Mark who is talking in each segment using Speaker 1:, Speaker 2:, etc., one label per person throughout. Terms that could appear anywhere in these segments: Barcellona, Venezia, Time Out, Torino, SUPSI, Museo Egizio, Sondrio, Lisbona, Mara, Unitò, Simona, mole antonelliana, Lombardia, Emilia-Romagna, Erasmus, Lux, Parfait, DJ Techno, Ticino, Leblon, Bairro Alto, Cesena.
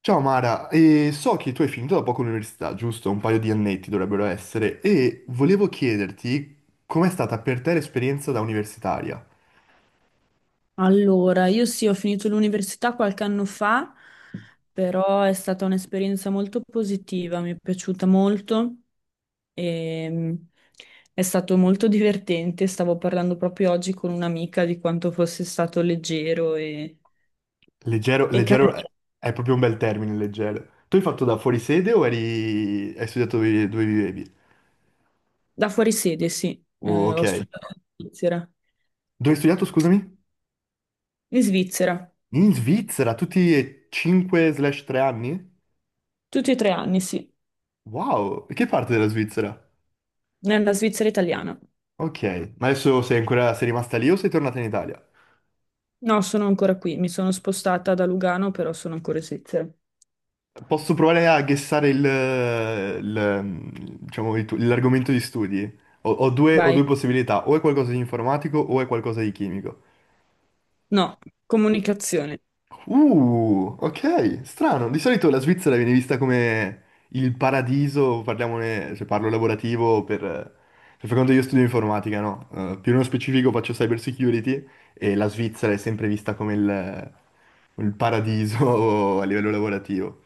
Speaker 1: Ciao Mara, e so che tu hai finito da poco l'università, giusto? Un paio di annetti dovrebbero essere, e volevo chiederti com'è stata per te l'esperienza da universitaria?
Speaker 2: Allora, io sì, ho finito l'università qualche anno fa, però è stata un'esperienza molto positiva, mi è piaciuta molto e è stato molto divertente. Stavo parlando proprio oggi con un'amica di quanto fosse stato leggero
Speaker 1: Leggero,
Speaker 2: e
Speaker 1: leggero è
Speaker 2: carino.
Speaker 1: è proprio un bel termine, leggero. Tu hai fatto da fuori sede o eri... hai studiato dove, dove vivevi?
Speaker 2: Da fuori sede, sì.
Speaker 1: Oh,
Speaker 2: Ho
Speaker 1: ok.
Speaker 2: studiato in Svizzera.
Speaker 1: Dove hai studiato, scusami?
Speaker 2: In Svizzera,
Speaker 1: In Svizzera, tutti e 5/3 anni?
Speaker 2: tutti e tre anni, sì,
Speaker 1: Wow, che parte della Svizzera?
Speaker 2: nella Svizzera italiana.
Speaker 1: Ok, ma adesso sei ancora... sei rimasta lì o sei tornata in Italia?
Speaker 2: No, sono ancora qui, mi sono spostata da Lugano, però sono ancora in Svizzera.
Speaker 1: Posso provare a guessare diciamo, l'argomento di studi? Ho, ho due, ho
Speaker 2: Vai.
Speaker 1: due possibilità, o è qualcosa di informatico o è qualcosa di chimico.
Speaker 2: No, comunicazione.
Speaker 1: Ok, strano. Di solito la Svizzera viene vista come il paradiso, parliamone, se parlo lavorativo, per far conto io studio informatica, no? Più nello specifico faccio cyber security e la Svizzera è sempre vista come il paradiso a livello lavorativo.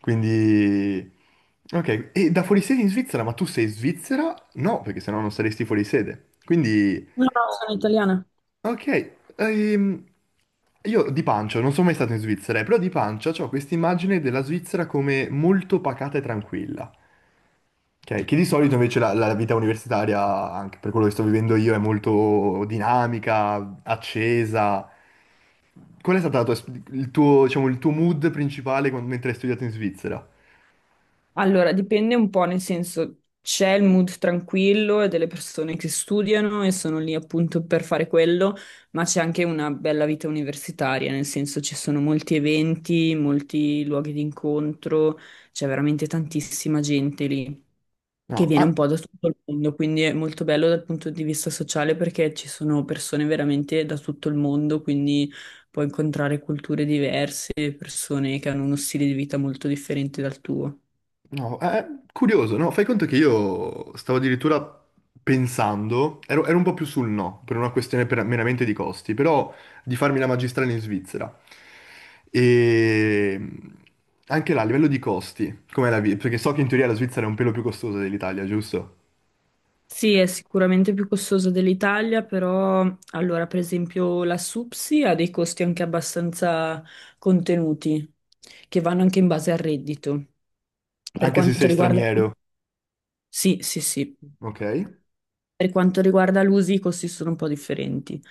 Speaker 1: Quindi... Ok, e da fuori sede in Svizzera, ma tu sei svizzera? No, perché sennò non saresti fuori sede. Quindi...
Speaker 2: No, no, sono italiana.
Speaker 1: Ok, io di pancia, non sono mai stato in Svizzera, però di pancia ho questa immagine della Svizzera come molto pacata e tranquilla, ok? Che di solito invece la vita universitaria, anche per quello che sto vivendo io, è molto dinamica, accesa. Qual è stato la tua il tuo, diciamo, il tuo mood principale mentre hai studiato in Svizzera?
Speaker 2: Allora, dipende un po', nel senso, c'è il mood tranquillo e delle persone che studiano e sono lì appunto per fare quello, ma c'è anche una bella vita universitaria, nel senso ci sono molti eventi, molti luoghi di incontro, c'è veramente tantissima gente lì, che
Speaker 1: No,
Speaker 2: viene un
Speaker 1: ah,
Speaker 2: po' da tutto il mondo, quindi è molto bello dal punto di vista sociale perché ci sono persone veramente da tutto il mondo, quindi puoi incontrare culture diverse, persone che hanno uno stile di vita molto differente dal tuo.
Speaker 1: no, è curioso, no? Fai conto che io stavo addirittura pensando, ero un po' più sul no, per una questione meramente di costi, però di farmi la magistrale in Svizzera. E anche là, a livello di costi, com'è la vita? Perché so che in teoria la Svizzera è un pelo più costosa dell'Italia, giusto?
Speaker 2: Sì, è sicuramente più costoso dell'Italia, però allora per esempio la SUPSI ha dei costi anche abbastanza contenuti, che vanno anche in base al reddito. Per
Speaker 1: Anche se
Speaker 2: quanto
Speaker 1: sei
Speaker 2: riguarda...
Speaker 1: straniero,
Speaker 2: Sì, sì, sì.
Speaker 1: ok?
Speaker 2: Per quanto riguarda l'uso, i costi sono un po' differenti.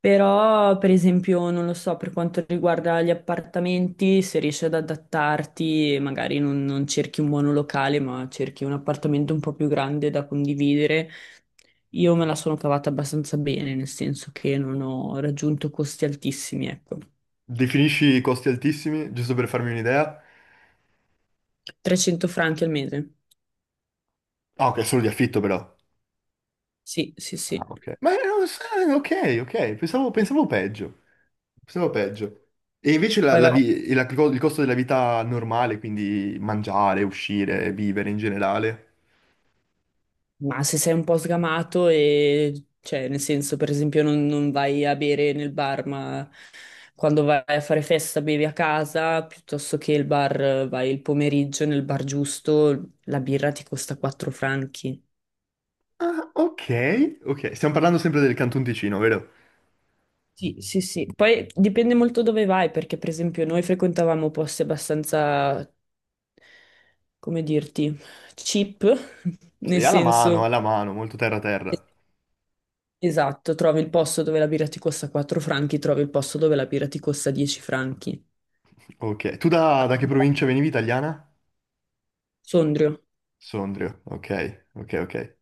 Speaker 2: Però, per esempio, non lo so, per quanto riguarda gli appartamenti, se riesci ad adattarti, magari non cerchi un monolocale, ma cerchi un appartamento un po' più grande da condividere. Io me la sono cavata abbastanza bene, nel senso che non ho raggiunto costi altissimi, ecco.
Speaker 1: Definisci i costi altissimi, giusto per farmi un'idea?
Speaker 2: 300 franchi al mese.
Speaker 1: Ah, ok, solo di affitto però.
Speaker 2: Sì, sì,
Speaker 1: Ah,
Speaker 2: sì.
Speaker 1: ok. Ma no, sai, ok, ok, pensavo peggio. Pensavo peggio. E invece la-
Speaker 2: Poi
Speaker 1: la
Speaker 2: vabbè,
Speaker 1: vi- e la- il costo della vita normale, quindi mangiare, uscire, vivere in generale.
Speaker 2: ma se sei un po' sgamato e, cioè, nel senso, per esempio, non vai a bere nel bar, ma quando vai a fare festa bevi a casa, piuttosto che il bar, vai il pomeriggio nel bar giusto, la birra ti costa 4 franchi.
Speaker 1: Ah, ok, ok. Stiamo parlando sempre del Canton Ticino, vero?
Speaker 2: Sì, sì, sì. Poi dipende molto dove vai, perché per esempio noi frequentavamo posti abbastanza, come dirti, cheap, nel
Speaker 1: Sì,
Speaker 2: senso...
Speaker 1: alla mano, molto terra terra.
Speaker 2: Esatto, trovi il posto dove la birra ti costa 4 franchi, trovi il posto dove la birra ti costa 10 franchi.
Speaker 1: Ok. Tu da che provincia venivi, italiana?
Speaker 2: Sondrio,
Speaker 1: Sondrio, ok, ok, ok.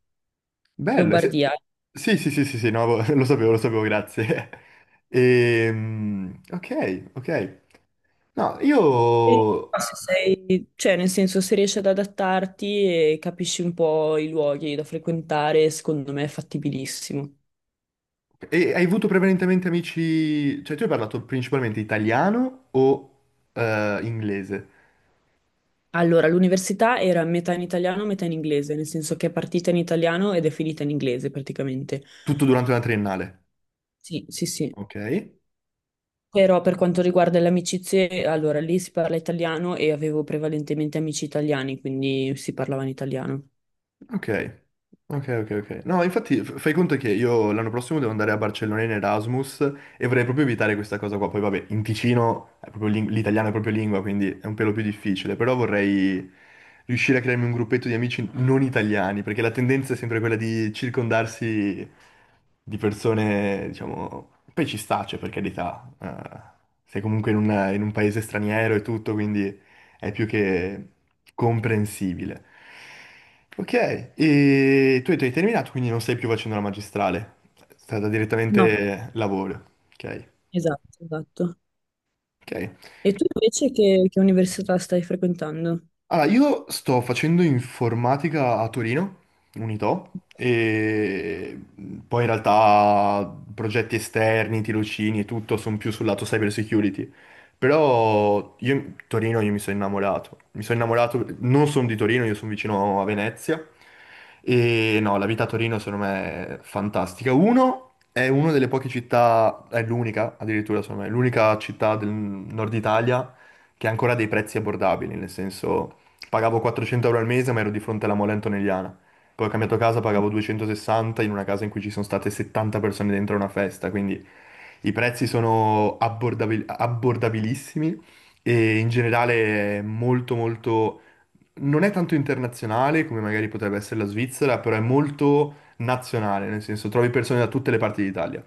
Speaker 1: Bello,
Speaker 2: Lombardia.
Speaker 1: sì, sì, sì, sì, sì, no, lo sapevo, grazie. Ok, ok. No,
Speaker 2: E
Speaker 1: io...
Speaker 2: se sei, cioè, nel senso, se riesci ad adattarti e capisci un po' i luoghi da frequentare, secondo me è fattibilissimo.
Speaker 1: e hai avuto prevalentemente amici... Cioè, tu hai parlato principalmente italiano o inglese?
Speaker 2: Allora, l'università era metà in italiano, metà in inglese, nel senso che è partita in italiano ed è finita in inglese praticamente.
Speaker 1: Tutto durante la triennale,
Speaker 2: Sì, sì, sì.
Speaker 1: ok?
Speaker 2: Però per quanto riguarda le amicizie, allora lì si parla italiano e avevo prevalentemente amici italiani, quindi si parlava in italiano.
Speaker 1: Ok, ok, ok, ok. No, infatti fai conto che io l'anno prossimo devo andare a Barcellona in Erasmus e vorrei proprio evitare questa cosa qua. Poi vabbè, in Ticino è proprio l'italiano è proprio lingua, quindi è un pelo più difficile, però vorrei riuscire a crearmi un gruppetto di amici non italiani, perché la tendenza è sempre quella di circondarsi di persone, diciamo... Poi ci sta, cioè, per carità, sei comunque in un paese straniero e tutto, quindi è più che comprensibile. Ok, e tu hai terminato, quindi non stai più facendo la magistrale, è stata
Speaker 2: No,
Speaker 1: direttamente lavoro. Ok,
Speaker 2: esatto, esatto.
Speaker 1: ok.
Speaker 2: E tu invece che università stai frequentando?
Speaker 1: Allora, io sto facendo informatica a Torino, Unitò, e poi in realtà progetti esterni, tirocini e tutto sono più sul lato cyber security. Però io, Torino, io mi sono innamorato. Mi sono innamorato, non sono di Torino, io sono vicino a Venezia. E no, la vita a Torino secondo me è fantastica. Uno, è una delle poche città, è l'unica addirittura, secondo me, è l'unica città del nord Italia che ha ancora dei prezzi abbordabili, nel senso... Pagavo 400 euro al mese, ma ero di fronte alla mole antonelliana. Poi ho cambiato casa, pagavo 260 in una casa in cui ci sono state 70 persone dentro a una festa, quindi i prezzi sono abbordabilissimi e in generale è molto molto... Non è tanto internazionale come magari potrebbe essere la Svizzera, però è molto nazionale, nel senso trovi persone da tutte le parti d'Italia.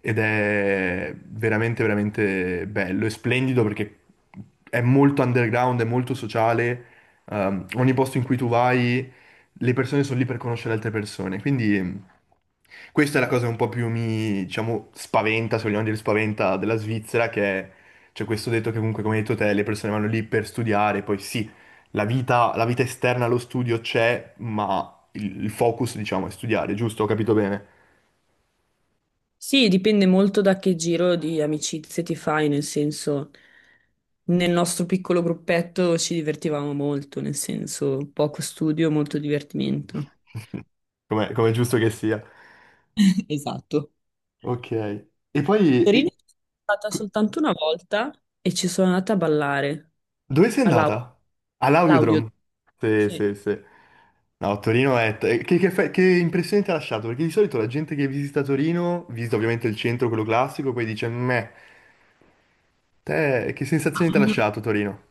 Speaker 1: Ed è veramente, veramente bello e splendido perché è molto underground, è molto sociale ogni posto in cui tu vai, le persone sono lì per conoscere altre persone. Quindi questa è la cosa che un po' più mi, diciamo, spaventa, se vogliamo dire spaventa, della Svizzera, che è, c'è questo detto che comunque, come hai detto te, le persone vanno lì per studiare, poi sì, la vita esterna allo studio c'è, ma il focus, diciamo, è studiare, giusto? Ho capito bene?
Speaker 2: Sì, dipende molto da che giro di amicizie ti fai, nel senso, nel nostro piccolo gruppetto ci divertivamo molto, nel senso, poco studio, molto divertimento.
Speaker 1: Come è giusto che sia.
Speaker 2: Esatto.
Speaker 1: Ok. E poi...
Speaker 2: Torino? Sono stata soltanto una volta e ci sono andata a ballare
Speaker 1: Dove sei
Speaker 2: all'aula.
Speaker 1: andata?
Speaker 2: L'audio,
Speaker 1: All'Audiodrome. Sì,
Speaker 2: sì.
Speaker 1: sì, sì. No, Torino è... Che impressione ti ha lasciato? Perché di solito la gente che visita Torino, visita ovviamente il centro, quello classico, poi dice, meh, te che sensazioni ti ha
Speaker 2: Ah,
Speaker 1: lasciato Torino?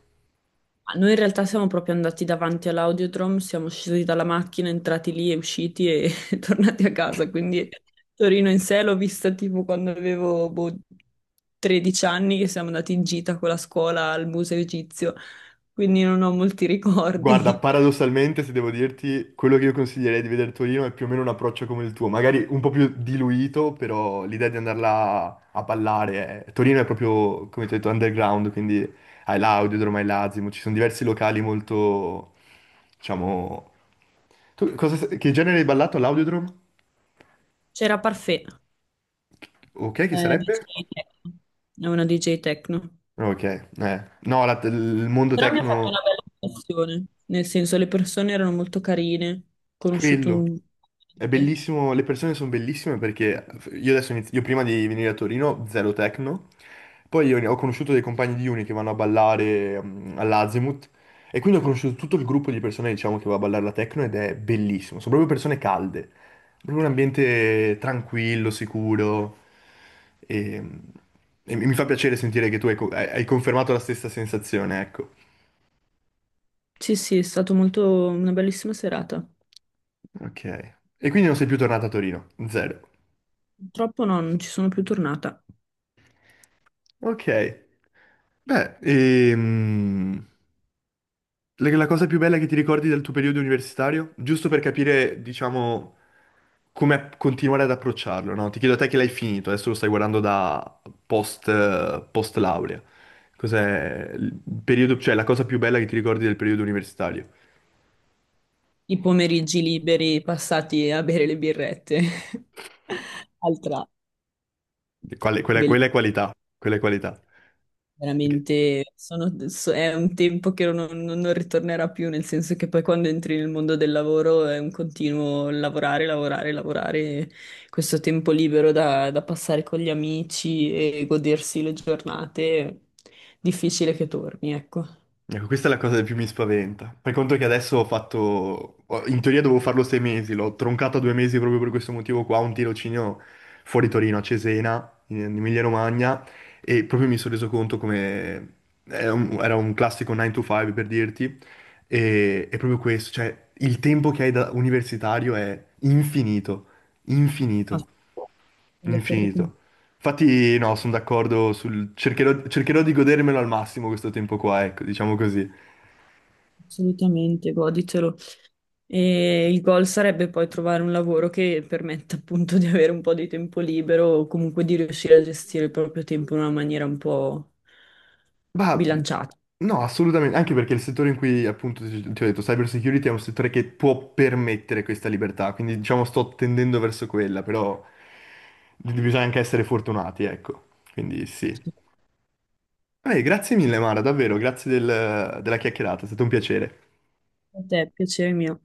Speaker 2: noi in realtà siamo proprio andati davanti all'audiodrome, siamo scesi dalla macchina, entrati lì e usciti e tornati a casa. Quindi Torino in sé l'ho vista tipo quando avevo boh, 13 anni, che siamo andati in gita con la scuola al Museo Egizio, quindi non ho molti
Speaker 1: Guarda,
Speaker 2: ricordi.
Speaker 1: paradossalmente, se devo dirti, quello che io consiglierei di vedere Torino è più o meno un approccio come il tuo, magari un po' più diluito, però l'idea di andarla a ballare è... Torino è proprio, come ti ho detto, underground, quindi hai l'Audiodromo, hai l'Azimo, ci sono diversi locali molto, diciamo... Che genere hai ballato all'Audiodrome?
Speaker 2: C'era Parfait,
Speaker 1: Ok, che sarebbe?
Speaker 2: DJ Techno. È una DJ Techno.
Speaker 1: Ok, eh. No, il mondo
Speaker 2: Però mi ha fatto
Speaker 1: tecno
Speaker 2: una bella impressione, nel senso le persone erano molto carine, ho conosciuto
Speaker 1: Quello.
Speaker 2: un...
Speaker 1: È bellissimo, le persone sono bellissime perché io adesso io prima di venire a Torino, zero techno, poi io ho conosciuto dei compagni di uni che vanno a ballare all'Azimut e quindi ho conosciuto tutto il gruppo di persone diciamo che va a ballare la techno ed è bellissimo, sono proprio persone calde, proprio un ambiente tranquillo, sicuro e, e mi fa piacere sentire che tu hai, co- hai hai confermato la stessa sensazione, ecco.
Speaker 2: Sì, sì, è stata molto una bellissima serata.
Speaker 1: Ok. E quindi non sei più tornato a Torino, zero.
Speaker 2: Purtroppo no, non ci sono più tornata.
Speaker 1: Ok. Beh, la cosa più bella che ti ricordi del tuo periodo universitario? Giusto per capire, diciamo, come continuare ad approcciarlo, no? Ti chiedo a te che l'hai finito, adesso lo stai guardando da post, post laurea. Cos'è il periodo, cioè la cosa più bella che ti ricordi del periodo universitario?
Speaker 2: I pomeriggi liberi passati a bere le birrette. Altra,
Speaker 1: E quella, quella è
Speaker 2: bellissima,
Speaker 1: qualità, quella è qualità. Ok.
Speaker 2: veramente. Sono- so- è un tempo che non ritornerà più, nel senso che poi quando entri nel mondo del lavoro è un continuo lavorare, lavorare, lavorare. Questo tempo libero da passare con gli amici e godersi le giornate, difficile che torni, ecco.
Speaker 1: Ecco, questa è la cosa che più mi spaventa. Per conto che adesso ho fatto, in teoria dovevo farlo 6 mesi, l'ho troncato a 2 mesi proprio per questo motivo qua, un tirocinio fuori Torino, a Cesena, in Emilia-Romagna, e proprio mi sono reso conto come è era un, classico 9 to 5 per dirti, e è proprio questo, cioè il tempo che hai da universitario è infinito,
Speaker 2: Ah,
Speaker 1: infinito,
Speaker 2: sono d'accordo con te,
Speaker 1: infinito. Infatti no, sono d'accordo sul... cercherò di godermelo al massimo questo tempo qua, ecco, diciamo così.
Speaker 2: assolutamente, goditelo. E il goal sarebbe poi trovare un lavoro che permetta appunto di avere un po' di tempo libero o comunque di riuscire a gestire il proprio tempo in una maniera un po'
Speaker 1: Ma
Speaker 2: bilanciata.
Speaker 1: no, assolutamente, anche perché il settore in cui appunto ti ho detto, cyber security è un settore che può permettere questa libertà, quindi diciamo sto tendendo verso quella, però bisogna anche essere fortunati, ecco, quindi sì. Vabbè, grazie mille Mara, davvero, grazie della chiacchierata, è stato un piacere.
Speaker 2: È piacere mio.